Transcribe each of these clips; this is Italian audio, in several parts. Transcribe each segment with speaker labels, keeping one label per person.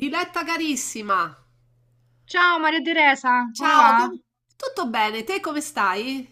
Speaker 1: Diletta carissima,
Speaker 2: Ciao Maria Teresa, come
Speaker 1: ciao,
Speaker 2: va?
Speaker 1: tutto bene? Te come stai?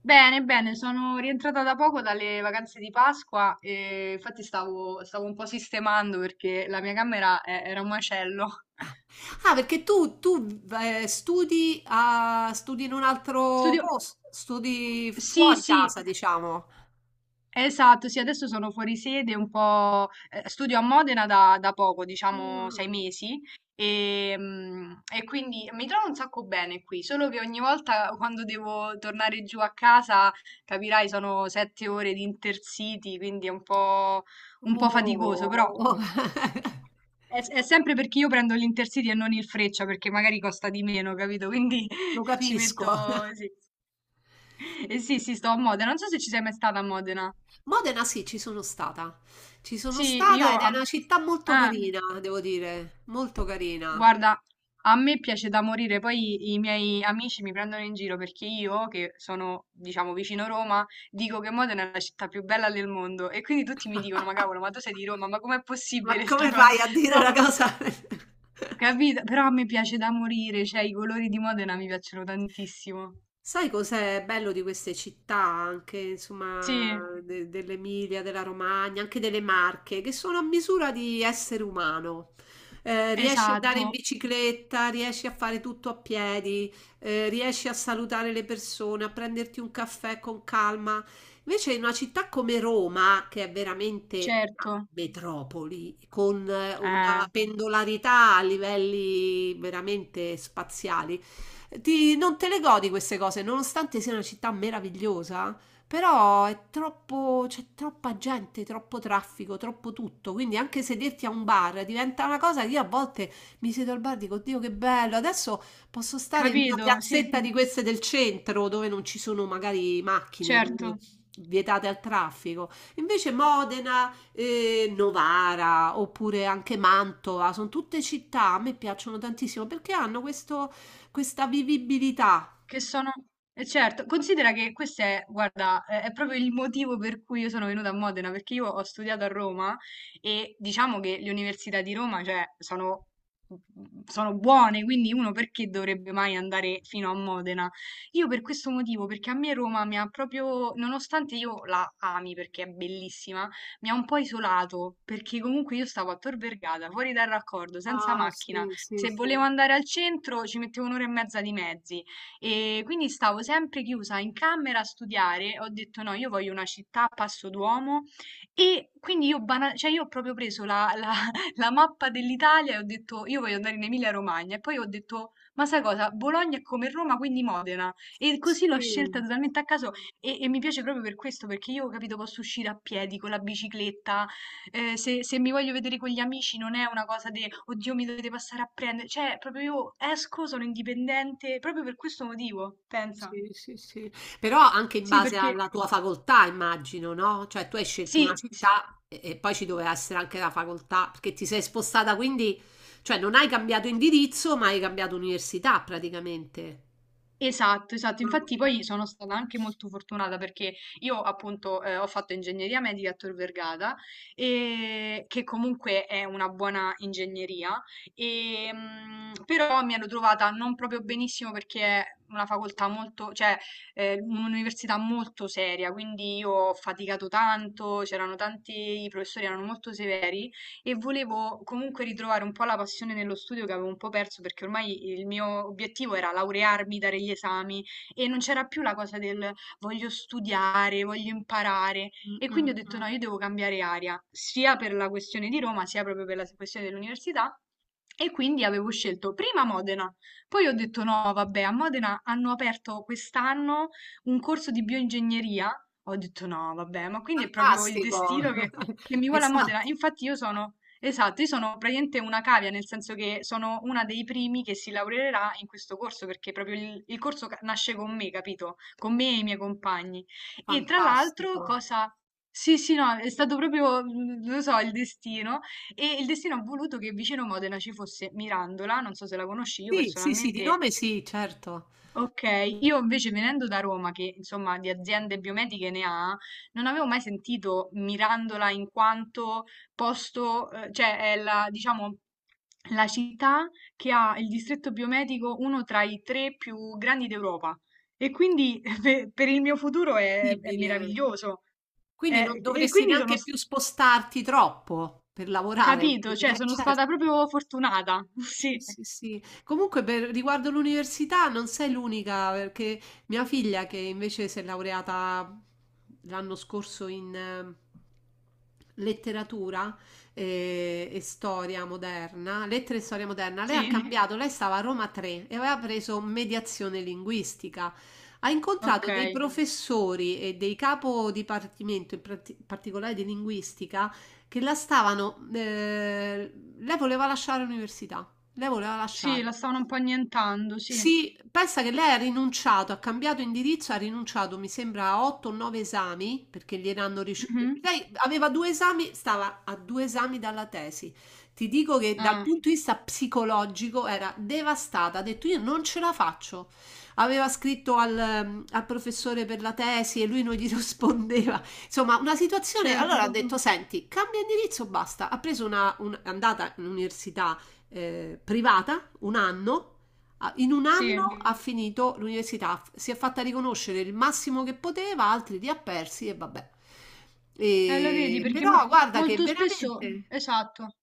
Speaker 2: Bene, bene, sono rientrata da poco dalle vacanze di Pasqua e infatti stavo un po' sistemando perché la mia camera era un macello.
Speaker 1: Ah, perché tu, studi, studi in un altro
Speaker 2: Studio...
Speaker 1: posto, studi
Speaker 2: Sì,
Speaker 1: fuori
Speaker 2: sì,
Speaker 1: casa, diciamo.
Speaker 2: esatto, sì, adesso sono fuori sede un po', studio a Modena da poco, diciamo 6
Speaker 1: Ah,
Speaker 2: mesi, e quindi mi trovo un sacco bene qui, solo che ogni volta quando devo tornare giù a casa, capirai, sono 7 ore di Intercity, quindi è un po' faticoso, però
Speaker 1: oh,
Speaker 2: è sempre perché io prendo l'Intercity e non il Freccia, perché magari costa di meno, capito? Quindi
Speaker 1: lo
Speaker 2: ci
Speaker 1: capisco.
Speaker 2: metto sì. Eh sì, sì, sto a Modena, non so se ci sei mai stata a Modena.
Speaker 1: Modena sì, ci sono stata. Ci sono
Speaker 2: Sì,
Speaker 1: stata ed è una città molto
Speaker 2: ah,
Speaker 1: carina, devo dire, molto carina.
Speaker 2: guarda, a me piace da morire, poi i miei amici mi prendono in giro perché io, che sono, diciamo, vicino Roma, dico che Modena è la città più bella del mondo e quindi tutti mi dicono, ma cavolo, ma tu sei di Roma, ma com'è
Speaker 1: Ma
Speaker 2: possibile sta
Speaker 1: come
Speaker 2: cosa?
Speaker 1: fai a dire
Speaker 2: Però,
Speaker 1: una cosa?
Speaker 2: capito? Però a me piace da morire, cioè i colori di Modena mi piacciono tantissimo.
Speaker 1: Sai cos'è bello di queste città anche, insomma,
Speaker 2: Sì,
Speaker 1: dell'Emilia, della Romagna, anche delle Marche, che sono a misura di essere umano. Riesci ad andare in
Speaker 2: esatto,
Speaker 1: bicicletta, riesci a fare tutto a piedi, riesci a salutare le persone, a prenderti un caffè con calma. Invece in una città come Roma, che è veramente una
Speaker 2: certo,
Speaker 1: metropoli, con
Speaker 2: eh,
Speaker 1: una pendolarità a livelli veramente spaziali, non te le godi queste cose, nonostante sia una città meravigliosa, però è troppo, c'è troppa gente, troppo traffico, troppo tutto, quindi anche sederti a un bar diventa una cosa che io a volte mi siedo al bar e dico: Dio, che bello, adesso posso stare in una
Speaker 2: capito? Sì,
Speaker 1: piazzetta di queste del centro dove non ci sono magari macchine,
Speaker 2: certo.
Speaker 1: dove vietate al traffico. Invece Modena, Novara oppure anche Mantova, sono tutte città, a me piacciono tantissimo perché hanno questo, questa vivibilità.
Speaker 2: Che sono eh certo, considera che questo è guarda, è proprio il motivo per cui io sono venuta a Modena, perché io ho studiato a Roma e diciamo che le università di Roma, cioè, sono buone, quindi uno perché dovrebbe mai andare fino a Modena? Io per questo motivo, perché a me Roma mi ha proprio, nonostante io la ami perché è bellissima, mi ha un po' isolato, perché comunque io stavo a Tor Vergata, fuori dal raccordo, senza
Speaker 1: Ah,
Speaker 2: macchina.
Speaker 1: sì, sì,
Speaker 2: Se
Speaker 1: sì.
Speaker 2: volevo andare al centro ci mettevo un'ora e mezza di mezzi. E quindi stavo sempre chiusa in camera a studiare, ho detto no, io voglio una città a passo d'uomo e quindi cioè, io ho proprio preso la mappa dell'Italia e ho detto io voglio andare in Emilia-Romagna e poi ho detto ma sai cosa, Bologna è come Roma, quindi Modena e così l'ho scelta
Speaker 1: Sì,
Speaker 2: totalmente a caso e mi piace proprio per questo perché io, capito, posso uscire a piedi con la bicicletta, se mi voglio vedere con gli amici non è una cosa di oddio mi dovete passare a prendere, cioè proprio io esco, sono indipendente, proprio per questo motivo, pensa.
Speaker 1: sì, sì, sì. Però anche in
Speaker 2: Sì,
Speaker 1: base
Speaker 2: perché
Speaker 1: alla tua facoltà, immagino, no? Cioè tu hai scelto una
Speaker 2: sì, sì,
Speaker 1: città e poi ci doveva essere anche la facoltà, perché ti sei spostata, quindi, cioè non hai cambiato indirizzo, ma hai cambiato università praticamente.
Speaker 2: esatto, esatto.
Speaker 1: Ah,
Speaker 2: Infatti
Speaker 1: ok.
Speaker 2: poi sono stata anche molto fortunata perché io appunto, ho fatto ingegneria medica a Tor Vergata, che comunque è una buona ingegneria, però mi ero trovata non proprio benissimo perché è una facoltà molto cioè, un'università molto seria, quindi io ho faticato tanto, c'erano tanti i professori erano molto severi e volevo comunque ritrovare un po' la passione nello studio che avevo un po' perso perché ormai il mio obiettivo era laurearmi, dare gli esami e non c'era più la cosa del voglio studiare, voglio imparare
Speaker 1: Mm,
Speaker 2: e quindi
Speaker 1: mm,
Speaker 2: ho detto
Speaker 1: mm.
Speaker 2: no, io devo cambiare aria, sia per la questione di Roma, sia proprio per la questione dell'università e quindi avevo scelto prima Modena, poi ho detto no, vabbè, a Modena hanno aperto quest'anno un corso di bioingegneria. Ho detto no, vabbè, ma quindi è proprio il
Speaker 1: Fantastico.
Speaker 2: destino che mi vuole a
Speaker 1: Esatto,
Speaker 2: Modena. Infatti io sono, esatto, io sono praticamente una cavia, nel senso che sono una dei primi che si laureerà in questo corso, perché proprio il nasce con me, capito? Con me e i miei compagni. E tra l'altro,
Speaker 1: fantastico.
Speaker 2: cosa... Sì, sì, no, è stato proprio, mm, lo so, il destino. E il destino ha voluto che vicino Modena ci fosse Mirandola, non so se la conosci, io
Speaker 1: Sì, sì, sì, di
Speaker 2: personalmente,
Speaker 1: nome sì, certo.
Speaker 2: ok, io invece venendo da Roma, che insomma di aziende biomediche ne ha, non avevo mai sentito Mirandola in quanto posto, cioè è la, diciamo, la città che ha il distretto biomedico uno tra i tre più grandi d'Europa. E quindi per il mio futuro è
Speaker 1: Incredibile.
Speaker 2: meraviglioso.
Speaker 1: Quindi non
Speaker 2: E
Speaker 1: dovresti
Speaker 2: quindi sono
Speaker 1: neanche più spostarti troppo per lavorare?
Speaker 2: capito, cioè sono
Speaker 1: Certo.
Speaker 2: stata proprio fortunata.
Speaker 1: Sì,
Speaker 2: Sì.
Speaker 1: sì, sì. Comunque per riguardo l'università non sei l'unica, perché mia figlia che invece si è laureata l'anno scorso in letteratura e, storia moderna, lettere e storia moderna, lei ha, sì,
Speaker 2: Sì?
Speaker 1: cambiato, lei stava a Roma 3 e aveva preso mediazione linguistica. Ha incontrato dei
Speaker 2: Okay.
Speaker 1: professori e dei capo dipartimento, in particolare di linguistica, che la stavano, lei voleva lasciare l'università. Lei voleva
Speaker 2: Sì,
Speaker 1: lasciare.
Speaker 2: la stavano un po' annientando, sì.
Speaker 1: Sì, pensa che lei ha rinunciato, ha cambiato indirizzo, ha rinunciato, mi sembra, a 8 o 9 esami, perché gliel'hanno ricevuto.
Speaker 2: Mh-mh.
Speaker 1: Lei aveva due esami, stava a due esami dalla tesi. Ti dico che dal
Speaker 2: Eh,
Speaker 1: punto di vista psicologico era devastata, ha detto: io non ce la faccio. Aveva scritto al professore per la tesi e lui non gli rispondeva. Insomma, una situazione. Allora ha
Speaker 2: certo.
Speaker 1: detto: senti, cambia indirizzo, basta. Ha preso è andata in università privata un anno. Ah, in un
Speaker 2: Sì.
Speaker 1: anno ha finito l'università, si è fatta riconoscere il massimo che poteva, altri li ha persi e vabbè.
Speaker 2: Lo vedi perché
Speaker 1: Però
Speaker 2: mo
Speaker 1: guarda che
Speaker 2: molto spesso
Speaker 1: veramente.
Speaker 2: esatto.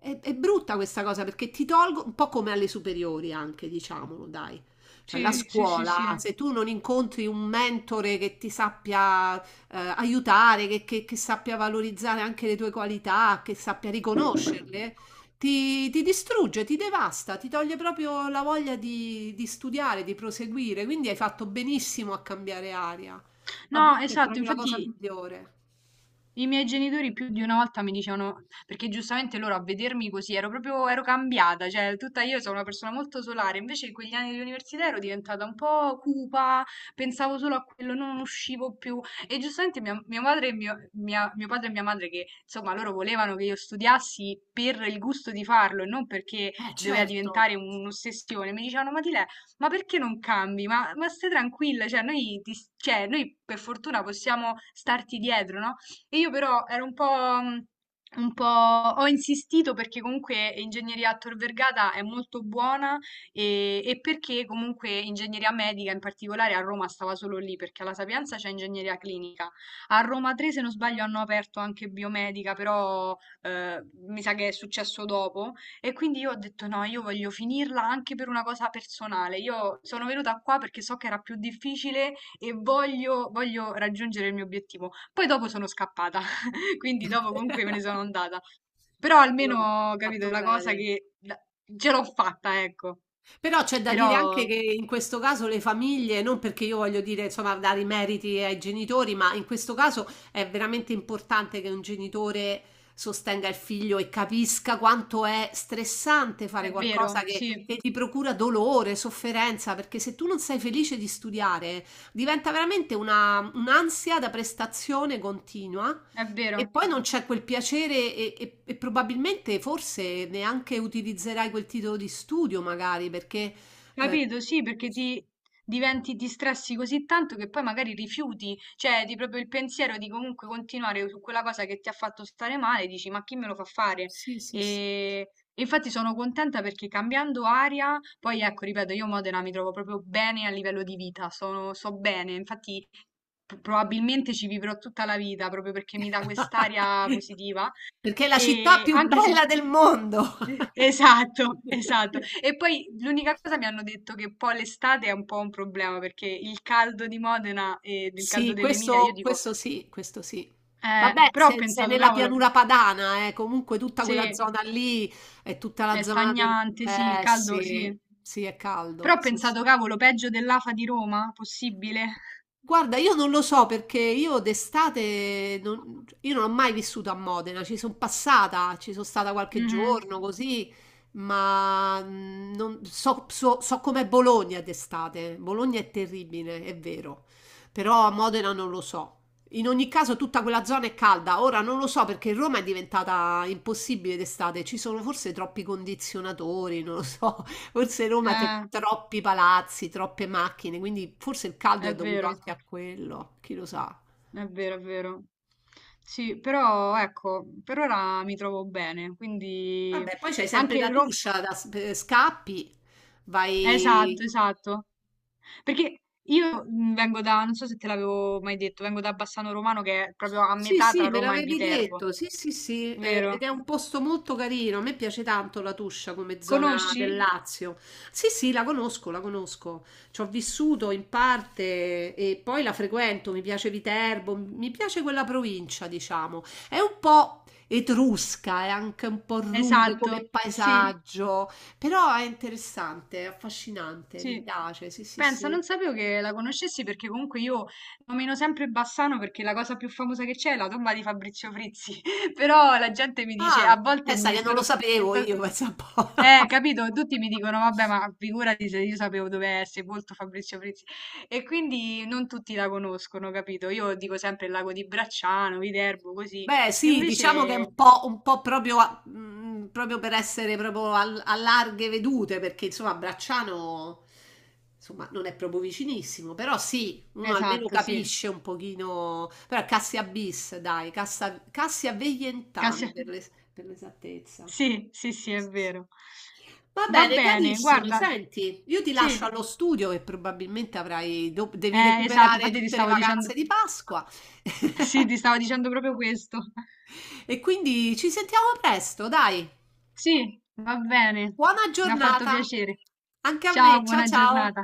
Speaker 1: È brutta questa cosa perché ti tolgo un po' come alle superiori anche, diciamolo, dai. Cioè, la
Speaker 2: Sì, sì, sì,
Speaker 1: scuola,
Speaker 2: sì.
Speaker 1: se tu non incontri un mentore che ti sappia aiutare, che sappia valorizzare anche le tue qualità, che sappia riconoscerle, ti distrugge, ti devasta, ti toglie proprio la voglia di studiare, di proseguire. Quindi hai fatto benissimo a cambiare aria. A
Speaker 2: No,
Speaker 1: volte è
Speaker 2: esatto,
Speaker 1: proprio la cosa
Speaker 2: infatti
Speaker 1: migliore.
Speaker 2: i miei genitori più di una volta mi dicevano, perché giustamente loro a vedermi così ero proprio, ero cambiata, cioè tutta io sono una persona molto solare, invece in quegli anni di università ero diventata un po' cupa, pensavo solo a quello, non uscivo più e giustamente mio padre e mio padre e mia madre che insomma loro volevano che io studiassi per il gusto di farlo e non perché doveva
Speaker 1: Certo.
Speaker 2: diventare un'ossessione, mi dicevano ma ti ma perché non cambi? Ma stai tranquilla, cioè noi, cioè, noi per fortuna possiamo starti dietro, no? E io però ero un po'... mm, un po' ho insistito perché comunque ingegneria a Tor Vergata è molto buona e perché comunque ingegneria medica in particolare a Roma stava solo lì perché alla Sapienza c'è ingegneria clinica. A Roma 3, se non sbaglio, hanno aperto anche biomedica, però mi sa che è successo dopo. E quindi io ho detto no, io voglio finirla anche per una cosa personale. Io sono venuta qua perché so che era più difficile e voglio raggiungere il mio obiettivo. Poi dopo sono scappata, quindi dopo comunque me ne sono andata. Però
Speaker 1: No, no,
Speaker 2: almeno ho capito
Speaker 1: fatto
Speaker 2: la cosa
Speaker 1: bene.
Speaker 2: che ce l'ho fatta, ecco.
Speaker 1: Però c'è da dire
Speaker 2: Però
Speaker 1: anche che in questo caso le famiglie, non perché io voglio dire, insomma, dare i meriti ai genitori, ma in questo caso è veramente importante che un genitore sostenga il figlio e capisca quanto è stressante fare
Speaker 2: è vero,
Speaker 1: qualcosa che,
Speaker 2: sì,
Speaker 1: che ti procura dolore, sofferenza, perché se tu non sei felice di studiare, diventa veramente un'ansia da prestazione continua
Speaker 2: è
Speaker 1: e
Speaker 2: vero.
Speaker 1: poi non c'è quel piacere e probabilmente forse neanche utilizzerai quel titolo di studio, magari, perché eh,
Speaker 2: Capito? Sì, perché ti diventi distressi così tanto che poi magari rifiuti, cioè di proprio il pensiero di comunque continuare su quella cosa che ti ha fatto stare male, dici ma chi me lo fa fare?
Speaker 1: sì, sì, sì.
Speaker 2: E e infatti sono contenta perché cambiando aria, poi ecco, ripeto, io Modena mi trovo proprio bene a livello di vita, sono, so bene, infatti probabilmente ci vivrò tutta la vita proprio perché mi dà quest'aria positiva
Speaker 1: Perché è la città
Speaker 2: e
Speaker 1: più
Speaker 2: anche se
Speaker 1: bella del mondo.
Speaker 2: esatto, esatto. E poi l'unica cosa mi hanno detto che poi l'estate è un po' un problema perché il caldo di Modena e del caldo
Speaker 1: Sì,
Speaker 2: dell'Emilia, io
Speaker 1: questo,
Speaker 2: dico,
Speaker 1: questo sì, questo sì. Vabbè,
Speaker 2: però ho
Speaker 1: se sei
Speaker 2: pensato,
Speaker 1: nella
Speaker 2: cavolo,
Speaker 1: pianura padana, comunque tutta quella
Speaker 2: sì,
Speaker 1: zona lì è tutta la
Speaker 2: è
Speaker 1: zona del...
Speaker 2: stagnante, sì, il
Speaker 1: Eh
Speaker 2: caldo, sì.
Speaker 1: sì, sì, è
Speaker 2: Però
Speaker 1: caldo.
Speaker 2: ho
Speaker 1: Sì,
Speaker 2: pensato,
Speaker 1: sì.
Speaker 2: cavolo, peggio dell'AFA di Roma? Possibile?
Speaker 1: Guarda, io non lo so perché io d'estate non, io non ho mai vissuto a Modena, ci sono passata, ci sono stata qualche
Speaker 2: Mhm.
Speaker 1: giorno così, ma non so com'è Bologna d'estate. Bologna è terribile, è vero, però a Modena non lo so. In ogni caso tutta quella zona è calda, ora non lo so perché Roma è diventata impossibile d'estate, ci sono forse troppi condizionatori, non lo so. Forse Roma ha
Speaker 2: Eh,
Speaker 1: troppi palazzi, troppe macchine, quindi forse il caldo
Speaker 2: è
Speaker 1: è dovuto
Speaker 2: vero,
Speaker 1: anche a quello, chi lo sa.
Speaker 2: è vero, è vero. Sì, però ecco, per ora mi trovo bene, quindi
Speaker 1: Vabbè, poi c'hai sempre
Speaker 2: anche
Speaker 1: la
Speaker 2: Roma...
Speaker 1: Tuscia, scappi, vai.
Speaker 2: Esatto, esatto. Perché io, mhmm, vengo da non so se te l'avevo mai detto, vengo da Bassano Romano che è proprio a
Speaker 1: Sì,
Speaker 2: metà tra
Speaker 1: sì, me
Speaker 2: Roma e
Speaker 1: l'avevi
Speaker 2: Viterbo,
Speaker 1: detto, sì, sì, sì, ed è
Speaker 2: vero?
Speaker 1: un posto molto carino, a me piace tanto la Tuscia come zona
Speaker 2: Conosci?
Speaker 1: del Lazio. Sì, sì, la conosco, ci ho vissuto in parte e poi la frequento, mi piace Viterbo, mi piace quella provincia, diciamo. È un po' etrusca, è anche un po' rude come
Speaker 2: Esatto, sì,
Speaker 1: paesaggio, però è interessante, è affascinante, mi
Speaker 2: sì.
Speaker 1: piace, sì, sì,
Speaker 2: Pensa,
Speaker 1: sì.
Speaker 2: non sapevo che la conoscessi perché comunque io nomino sempre Bassano perché la cosa più famosa che c'è è la tomba di Fabrizio Frizzi, però la gente mi dice
Speaker 1: Ah,
Speaker 2: a volte
Speaker 1: pensa
Speaker 2: mi è
Speaker 1: che non
Speaker 2: stato
Speaker 1: lo
Speaker 2: mi è
Speaker 1: sapevo
Speaker 2: sta
Speaker 1: io, pensa un po'.
Speaker 2: eh, capito? Tutti mi dicono, vabbè, ma figurati se io sapevo dove è sepolto Fabrizio Frizzi. E quindi non tutti la conoscono, capito? Io dico sempre il lago di Bracciano, Viterbo, così.
Speaker 1: Beh,
Speaker 2: E
Speaker 1: sì, diciamo che è
Speaker 2: invece,
Speaker 1: un po' proprio, proprio per essere proprio a larghe vedute, perché insomma Bracciano insomma, non è proprio vicinissimo, però sì, uno almeno
Speaker 2: esatto, sì.
Speaker 1: capisce un pochino, però è Cassia bis, dai, Cassia Veientana
Speaker 2: Cassia-
Speaker 1: per l'esattezza.
Speaker 2: sì, sì, sì, è vero.
Speaker 1: Va
Speaker 2: Va
Speaker 1: bene,
Speaker 2: bene,
Speaker 1: carissima,
Speaker 2: guarda,
Speaker 1: senti, io ti
Speaker 2: sì,
Speaker 1: lascio allo studio che probabilmente avrai, devi
Speaker 2: esatto,
Speaker 1: recuperare
Speaker 2: infatti ti
Speaker 1: tutte le
Speaker 2: stavo
Speaker 1: vacanze
Speaker 2: dicendo,
Speaker 1: di Pasqua
Speaker 2: sì, ti stavo dicendo proprio questo.
Speaker 1: e quindi ci sentiamo presto, dai.
Speaker 2: Sì, va bene,
Speaker 1: Buona
Speaker 2: mi ha fatto
Speaker 1: giornata
Speaker 2: piacere.
Speaker 1: anche a
Speaker 2: Ciao,
Speaker 1: me. Ciao
Speaker 2: buona
Speaker 1: ciao.
Speaker 2: giornata.